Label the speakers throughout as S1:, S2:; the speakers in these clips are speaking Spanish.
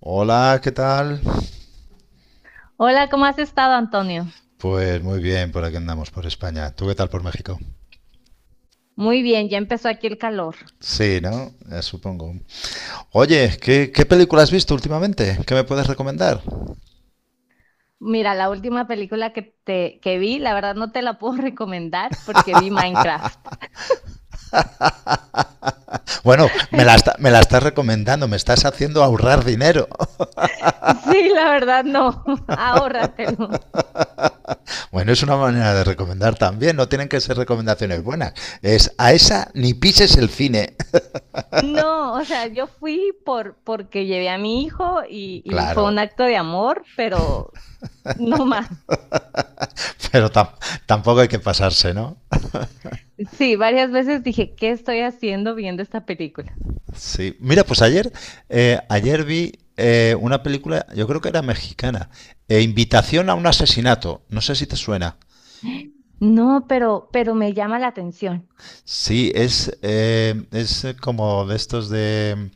S1: Hola, ¿qué tal?
S2: Hola, ¿cómo has estado, Antonio?
S1: Pues muy bien, por aquí andamos, por España. ¿Tú qué tal por México?
S2: Muy bien, ya empezó aquí el calor.
S1: Sí, ¿no? Supongo. Oye, ¿qué película has visto últimamente? ¿Qué me puedes recomendar?
S2: Mira, la última película que vi, la verdad no te la puedo recomendar porque vi Minecraft.
S1: Bueno, me la estás recomendando, me estás haciendo ahorrar dinero.
S2: Sí, la verdad no, ahórratelo.
S1: Bueno, es una manera de recomendar también, no tienen que ser recomendaciones buenas. Es a esa ni pises el cine.
S2: No, o sea, yo fui porque llevé a mi hijo y fue un
S1: Claro,
S2: acto de amor, pero no más.
S1: pero tampoco hay que pasarse, ¿no?
S2: Sí, varias veces dije, ¿qué estoy haciendo viendo esta película?
S1: Sí. Mira, pues ayer, ayer vi una película, yo creo que era mexicana, Invitación a un asesinato. No sé si te suena.
S2: No, pero me llama la atención.
S1: Sí, es como de estos de...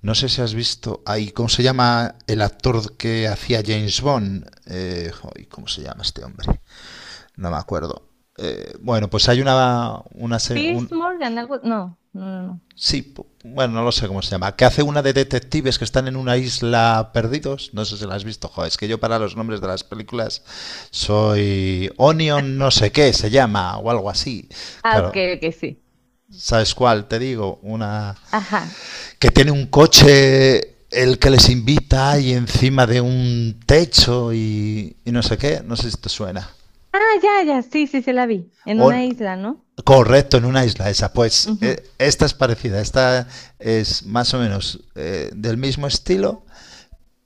S1: No sé si has visto... Ay, ¿cómo se llama el actor que hacía James Bond? ¿Cómo se llama este hombre? No me acuerdo. Bueno, pues hay
S2: Piers Morgan, algo, no, no, no, no.
S1: Sí, bueno, no lo sé cómo se llama. Que hace una de detectives que están en una isla perdidos. No sé si la has visto, joder. Es que yo para los nombres de las películas soy Onion no sé qué se llama o algo así.
S2: Ah, ok,
S1: Claro.
S2: ok, sí.
S1: ¿Sabes cuál? Te digo, una
S2: Ajá.
S1: que tiene un coche el que les invita y encima de un techo y no sé qué. No sé si te suena.
S2: Ah, ya, ya, sí, sí, se la vi, en
S1: On-
S2: una isla, ¿no?
S1: Correcto, en una isla esa. Pues
S2: Ujú.
S1: esta es parecida, esta es más o menos del mismo estilo,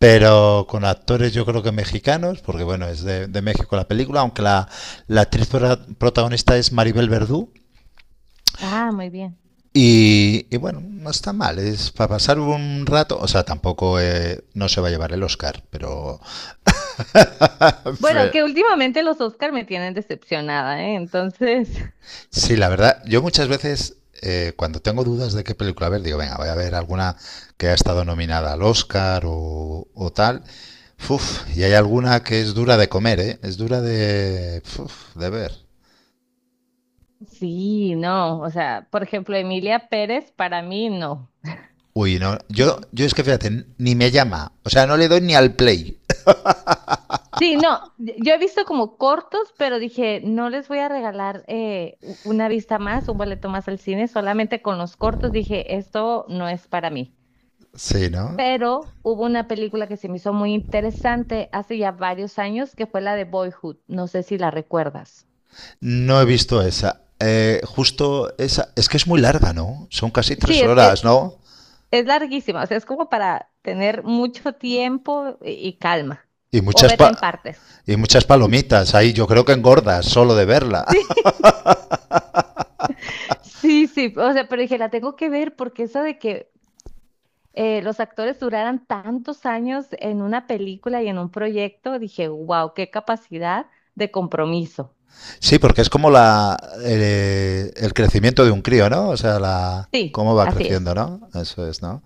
S1: pero con actores yo creo que mexicanos, porque bueno, es de México la película, aunque la protagonista es Maribel Verdú.
S2: Ah, muy bien.
S1: Y bueno, no está mal, es para pasar un rato, o sea, tampoco no se va a llevar el Oscar, pero
S2: Bueno, que últimamente los Oscar me tienen decepcionada, ¿eh? Entonces,
S1: sí, la verdad, yo muchas veces cuando tengo dudas de qué película ver, digo, venga, voy a ver alguna que ha estado nominada al Oscar o tal. Uf, y hay alguna que es dura de comer, ¿eh? Es dura de, uf, de ver.
S2: sí, no, o sea, por ejemplo, Emilia Pérez, para mí, no.
S1: Uy, no.
S2: No,
S1: Yo es que fíjate, ni me llama. O sea, no le doy ni al play.
S2: sí, no, yo he visto como cortos, pero dije, no les voy a regalar u- una vista más, un boleto más al cine. Solamente con los cortos dije, esto no es para mí.
S1: Sí, ¿no?
S2: Pero hubo una película que se me hizo muy interesante hace ya varios años, que fue la de Boyhood. No sé si la recuerdas.
S1: No he visto esa. Justo esa. Es que es muy larga, ¿no? Son casi tres
S2: Sí,
S1: horas, ¿no?
S2: es larguísima, o sea, es como para tener mucho tiempo y calma,
S1: Y
S2: o
S1: muchas
S2: verla en
S1: pa-
S2: partes.
S1: y muchas palomitas. Ahí yo creo que engordas solo de verla.
S2: Sí, sí, sí, o sea, pero dije, la tengo que ver porque eso de que los actores duraran tantos años en una película y en un proyecto, dije, wow, qué capacidad de compromiso.
S1: Sí, porque es como la crecimiento de un crío, ¿no? O sea, la
S2: Sí,
S1: cómo va
S2: así es.
S1: creciendo, ¿no? Eso es, ¿no?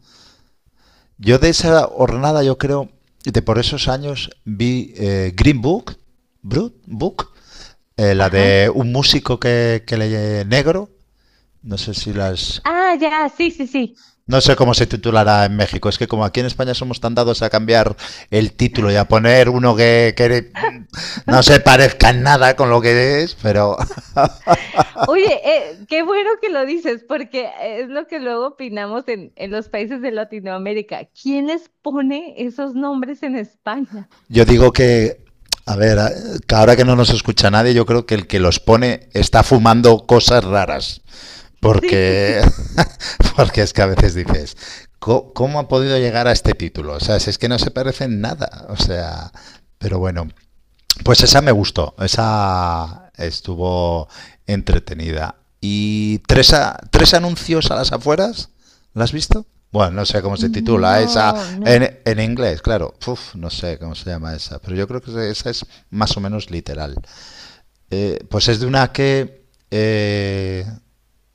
S1: Yo de esa hornada yo creo, de por esos años vi Green Book, Brut Book. La
S2: Ajá.
S1: de un músico que le negro, no sé si las...
S2: Ah, ya, sí, sí, sí.
S1: No sé cómo se titulará en México. Es que como aquí en España somos tan dados a cambiar el título y a poner uno que no se parezca en nada con lo que es, pero
S2: Oye, qué bueno que lo dices, porque es lo que luego opinamos en los países de Latinoamérica. ¿Quién les pone esos nombres en España?
S1: yo digo que, a ver, que ahora que no nos escucha nadie, yo creo que el que los pone está fumando cosas raras.
S2: Sí.
S1: Porque, porque es que a veces dices, ¿cómo ha podido llegar a este título? O sea, si es que no se parece en nada. O sea, pero bueno, pues esa me gustó, esa estuvo entretenida. ¿Y tres anuncios a las afueras? ¿La has visto? Bueno, no sé cómo se titula esa
S2: No, no.
S1: en inglés, claro. Uf, no sé cómo se llama esa, pero yo creo que esa es más o menos literal. Pues es de una que eh,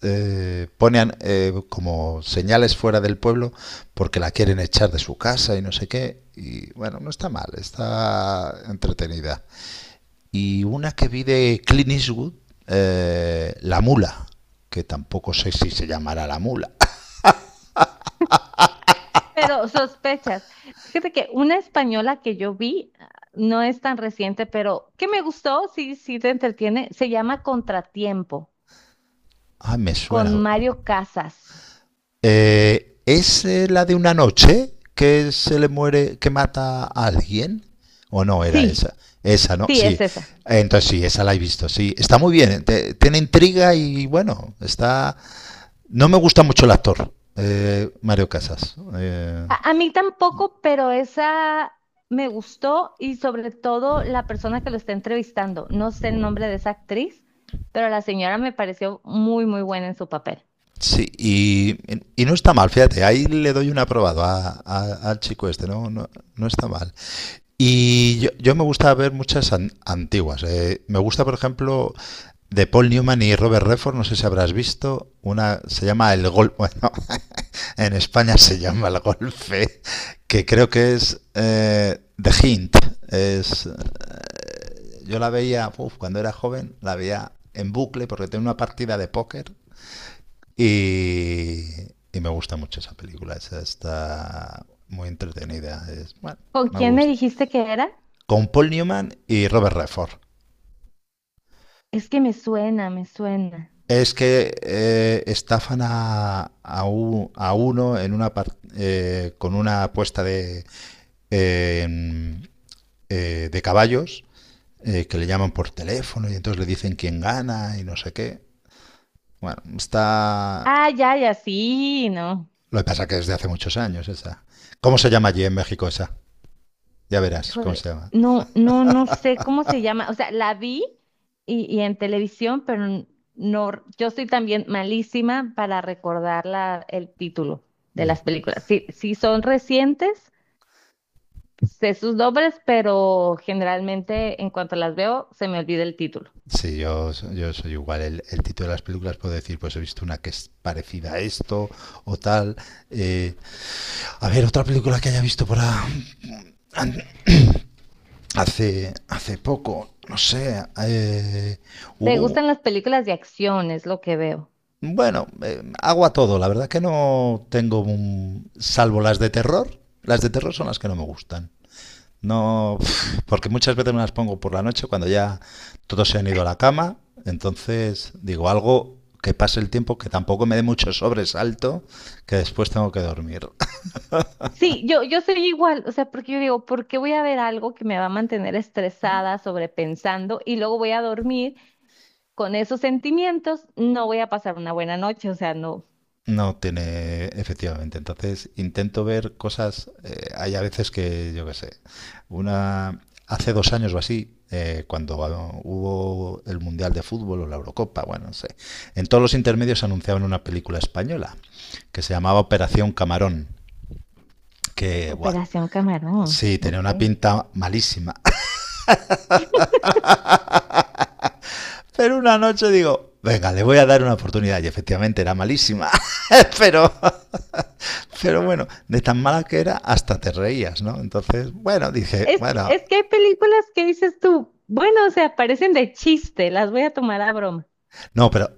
S1: eh, pone an- eh, como señales fuera del pueblo porque la quieren echar de su casa y no sé qué. Y bueno, no está mal, está entretenida y una que vi de Clint Eastwood, La Mula, que tampoco sé si se llamará La Mula.
S2: Pero sospechas. Fíjate que una española que yo vi, ah, no es tan reciente, pero que me gustó, sí, sí te entretiene, se llama Contratiempo,
S1: Ah, me suena.
S2: con Mario Casas.
S1: ¿Es la de una noche que se le muere, que mata a alguien? ¿O no era
S2: Sí,
S1: esa? Esa, ¿no?
S2: sí, es
S1: Sí.
S2: esa.
S1: Entonces sí, esa la he visto, sí. Está muy bien, tiene intriga y bueno, está... No me gusta mucho el actor, Mario Casas.
S2: A mí tampoco, pero esa me gustó, y sobre todo la persona que lo está entrevistando. No sé el nombre de esa actriz, pero la señora me pareció muy, muy buena en su papel.
S1: Sí, y no está mal, fíjate, ahí le doy un aprobado al chico este, no, no está mal. Yo me gusta ver muchas antiguas. Me gusta, por ejemplo, de Paul Newman y Robert Redford, no sé si habrás visto, una se llama El Golpe. Bueno, en España se llama El Golpe, que creo que es The Hint. Es, yo la veía, uf, cuando era joven, la veía en bucle porque tenía una partida de póker, y, y me gusta mucho esa película. Esa está muy entretenida. Es, bueno,
S2: ¿Con
S1: me
S2: quién me
S1: gusta.
S2: dijiste que era?
S1: Con Paul Newman y Robert Redford.
S2: Es que me suena, me suena.
S1: Es que estafan a uno en una con una apuesta eh, de caballos que le llaman por teléfono y entonces le dicen quién gana y no sé qué. Bueno, está...
S2: Ah, ya, ya, sí, ¿no?
S1: Lo que pasa es que es de hace muchos años esa. ¿Cómo se llama allí en México esa? Ya verás cómo
S2: Híjole,
S1: se llama.
S2: no, no, no sé cómo se llama. O sea, la vi y en televisión, pero n- no, yo soy también malísima para recordar la- el título de
S1: Y el
S2: las películas. Sí, sí son recientes, sé sus nombres, pero generalmente en cuanto las veo, se me olvida el título.
S1: Sí, yo soy igual. El título de las películas puedo decir, pues he visto una que es parecida a esto o tal. Eh, a ver, otra película que haya visto an- hace poco, no sé.
S2: ¿Te
S1: Hubo,
S2: gustan las películas de acción? Es lo que veo.
S1: bueno, hago a todo. La verdad que no tengo salvo las de terror. Las de terror son las que no me gustan. No, porque muchas veces me las pongo por la noche cuando ya todos se han ido a la cama. Entonces, digo, algo que pase el tiempo, que tampoco me dé mucho sobresalto, que después tengo que dormir.
S2: Sí, yo soy igual, o sea, porque yo digo, ¿por qué voy a ver algo que me va a mantener estresada, sobrepensando, y luego voy a dormir? Con esos sentimientos no voy a pasar una buena noche, o sea, no.
S1: No tiene, efectivamente. Entonces, intento ver cosas. Hay a veces que, yo qué sé, una. Hace dos años o así, cuando hubo el Mundial de Fútbol o la Eurocopa, bueno, no sé. En todos los intermedios anunciaban una película española que se llamaba Operación Camarón, que buah,
S2: Operación Camarón,
S1: sí, tenía
S2: ok.
S1: una pinta malísima. Pero una noche digo, venga, le voy a dar una oportunidad. Y efectivamente era malísima. pero, pero bueno, de tan mala que era, hasta te reías, ¿no? Entonces, bueno, dije, bueno.
S2: Es que hay películas que dices tú, bueno, o sea, parecen de chiste, las voy a tomar a broma.
S1: No, pero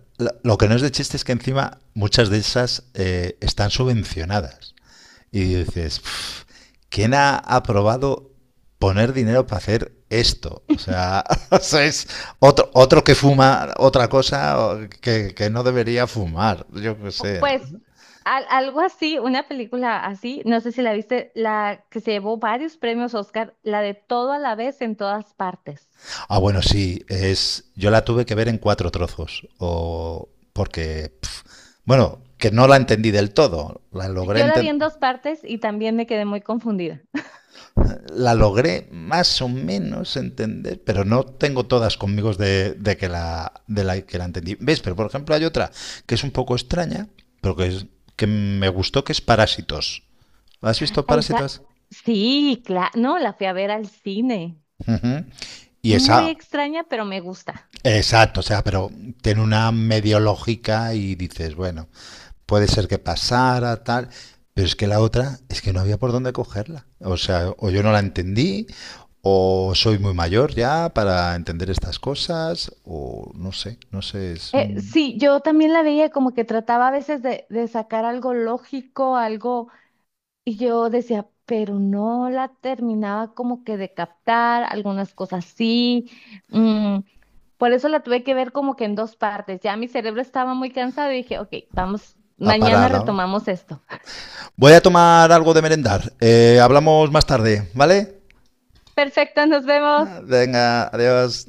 S1: lo, que no es de chiste es que encima muchas de esas están subvencionadas. Y dices, "Pf, ¿quién ha aprobado poner dinero para hacer esto? O sea, o sea, es otro que fuma otra cosa o que no debería fumar, yo qué
S2: O,
S1: sé.
S2: pues al- algo así, una película así, no sé si la viste, la que se llevó varios premios Oscar, la de Todo a la vez en todas partes.
S1: Ah, bueno, sí, es, yo la tuve que ver en cuatro trozos, o porque, pf, bueno, que no la entendí del todo,
S2: Yo la vi en dos partes y también me quedé muy confundida.
S1: la logré más o menos entender, pero no tengo todas conmigo de que la entendí. ¿Ves? Pero por ejemplo hay otra que es un poco extraña, pero es, que me gustó, que es Parásitos. ¿Has visto
S2: A esa,
S1: Parásitos?
S2: sí, claro, no, la fui a ver al cine.
S1: Uh -huh. Y
S2: Muy
S1: esa,
S2: extraña, pero me gusta.
S1: exacto, o sea, pero tiene una medio lógica y dices, bueno, puede ser que pasara, tal, pero es que la otra es que no había por dónde cogerla. O sea, o yo no la entendí, o soy muy mayor ya para entender estas cosas, o no sé, no sé, es un...
S2: Sí, yo también la veía como que trataba a veces de sacar algo lógico, algo, y yo decía, pero no la terminaba como que de captar, algunas cosas sí. mm, por eso la tuve que ver como que en dos partes. Ya mi cerebro estaba muy cansado y dije, ok, vamos,
S1: A
S2: mañana
S1: parada.
S2: retomamos esto.
S1: Voy a tomar algo de merendar. Hablamos más tarde, ¿vale?
S2: Perfecto, nos vemos.
S1: Ah, venga, adiós.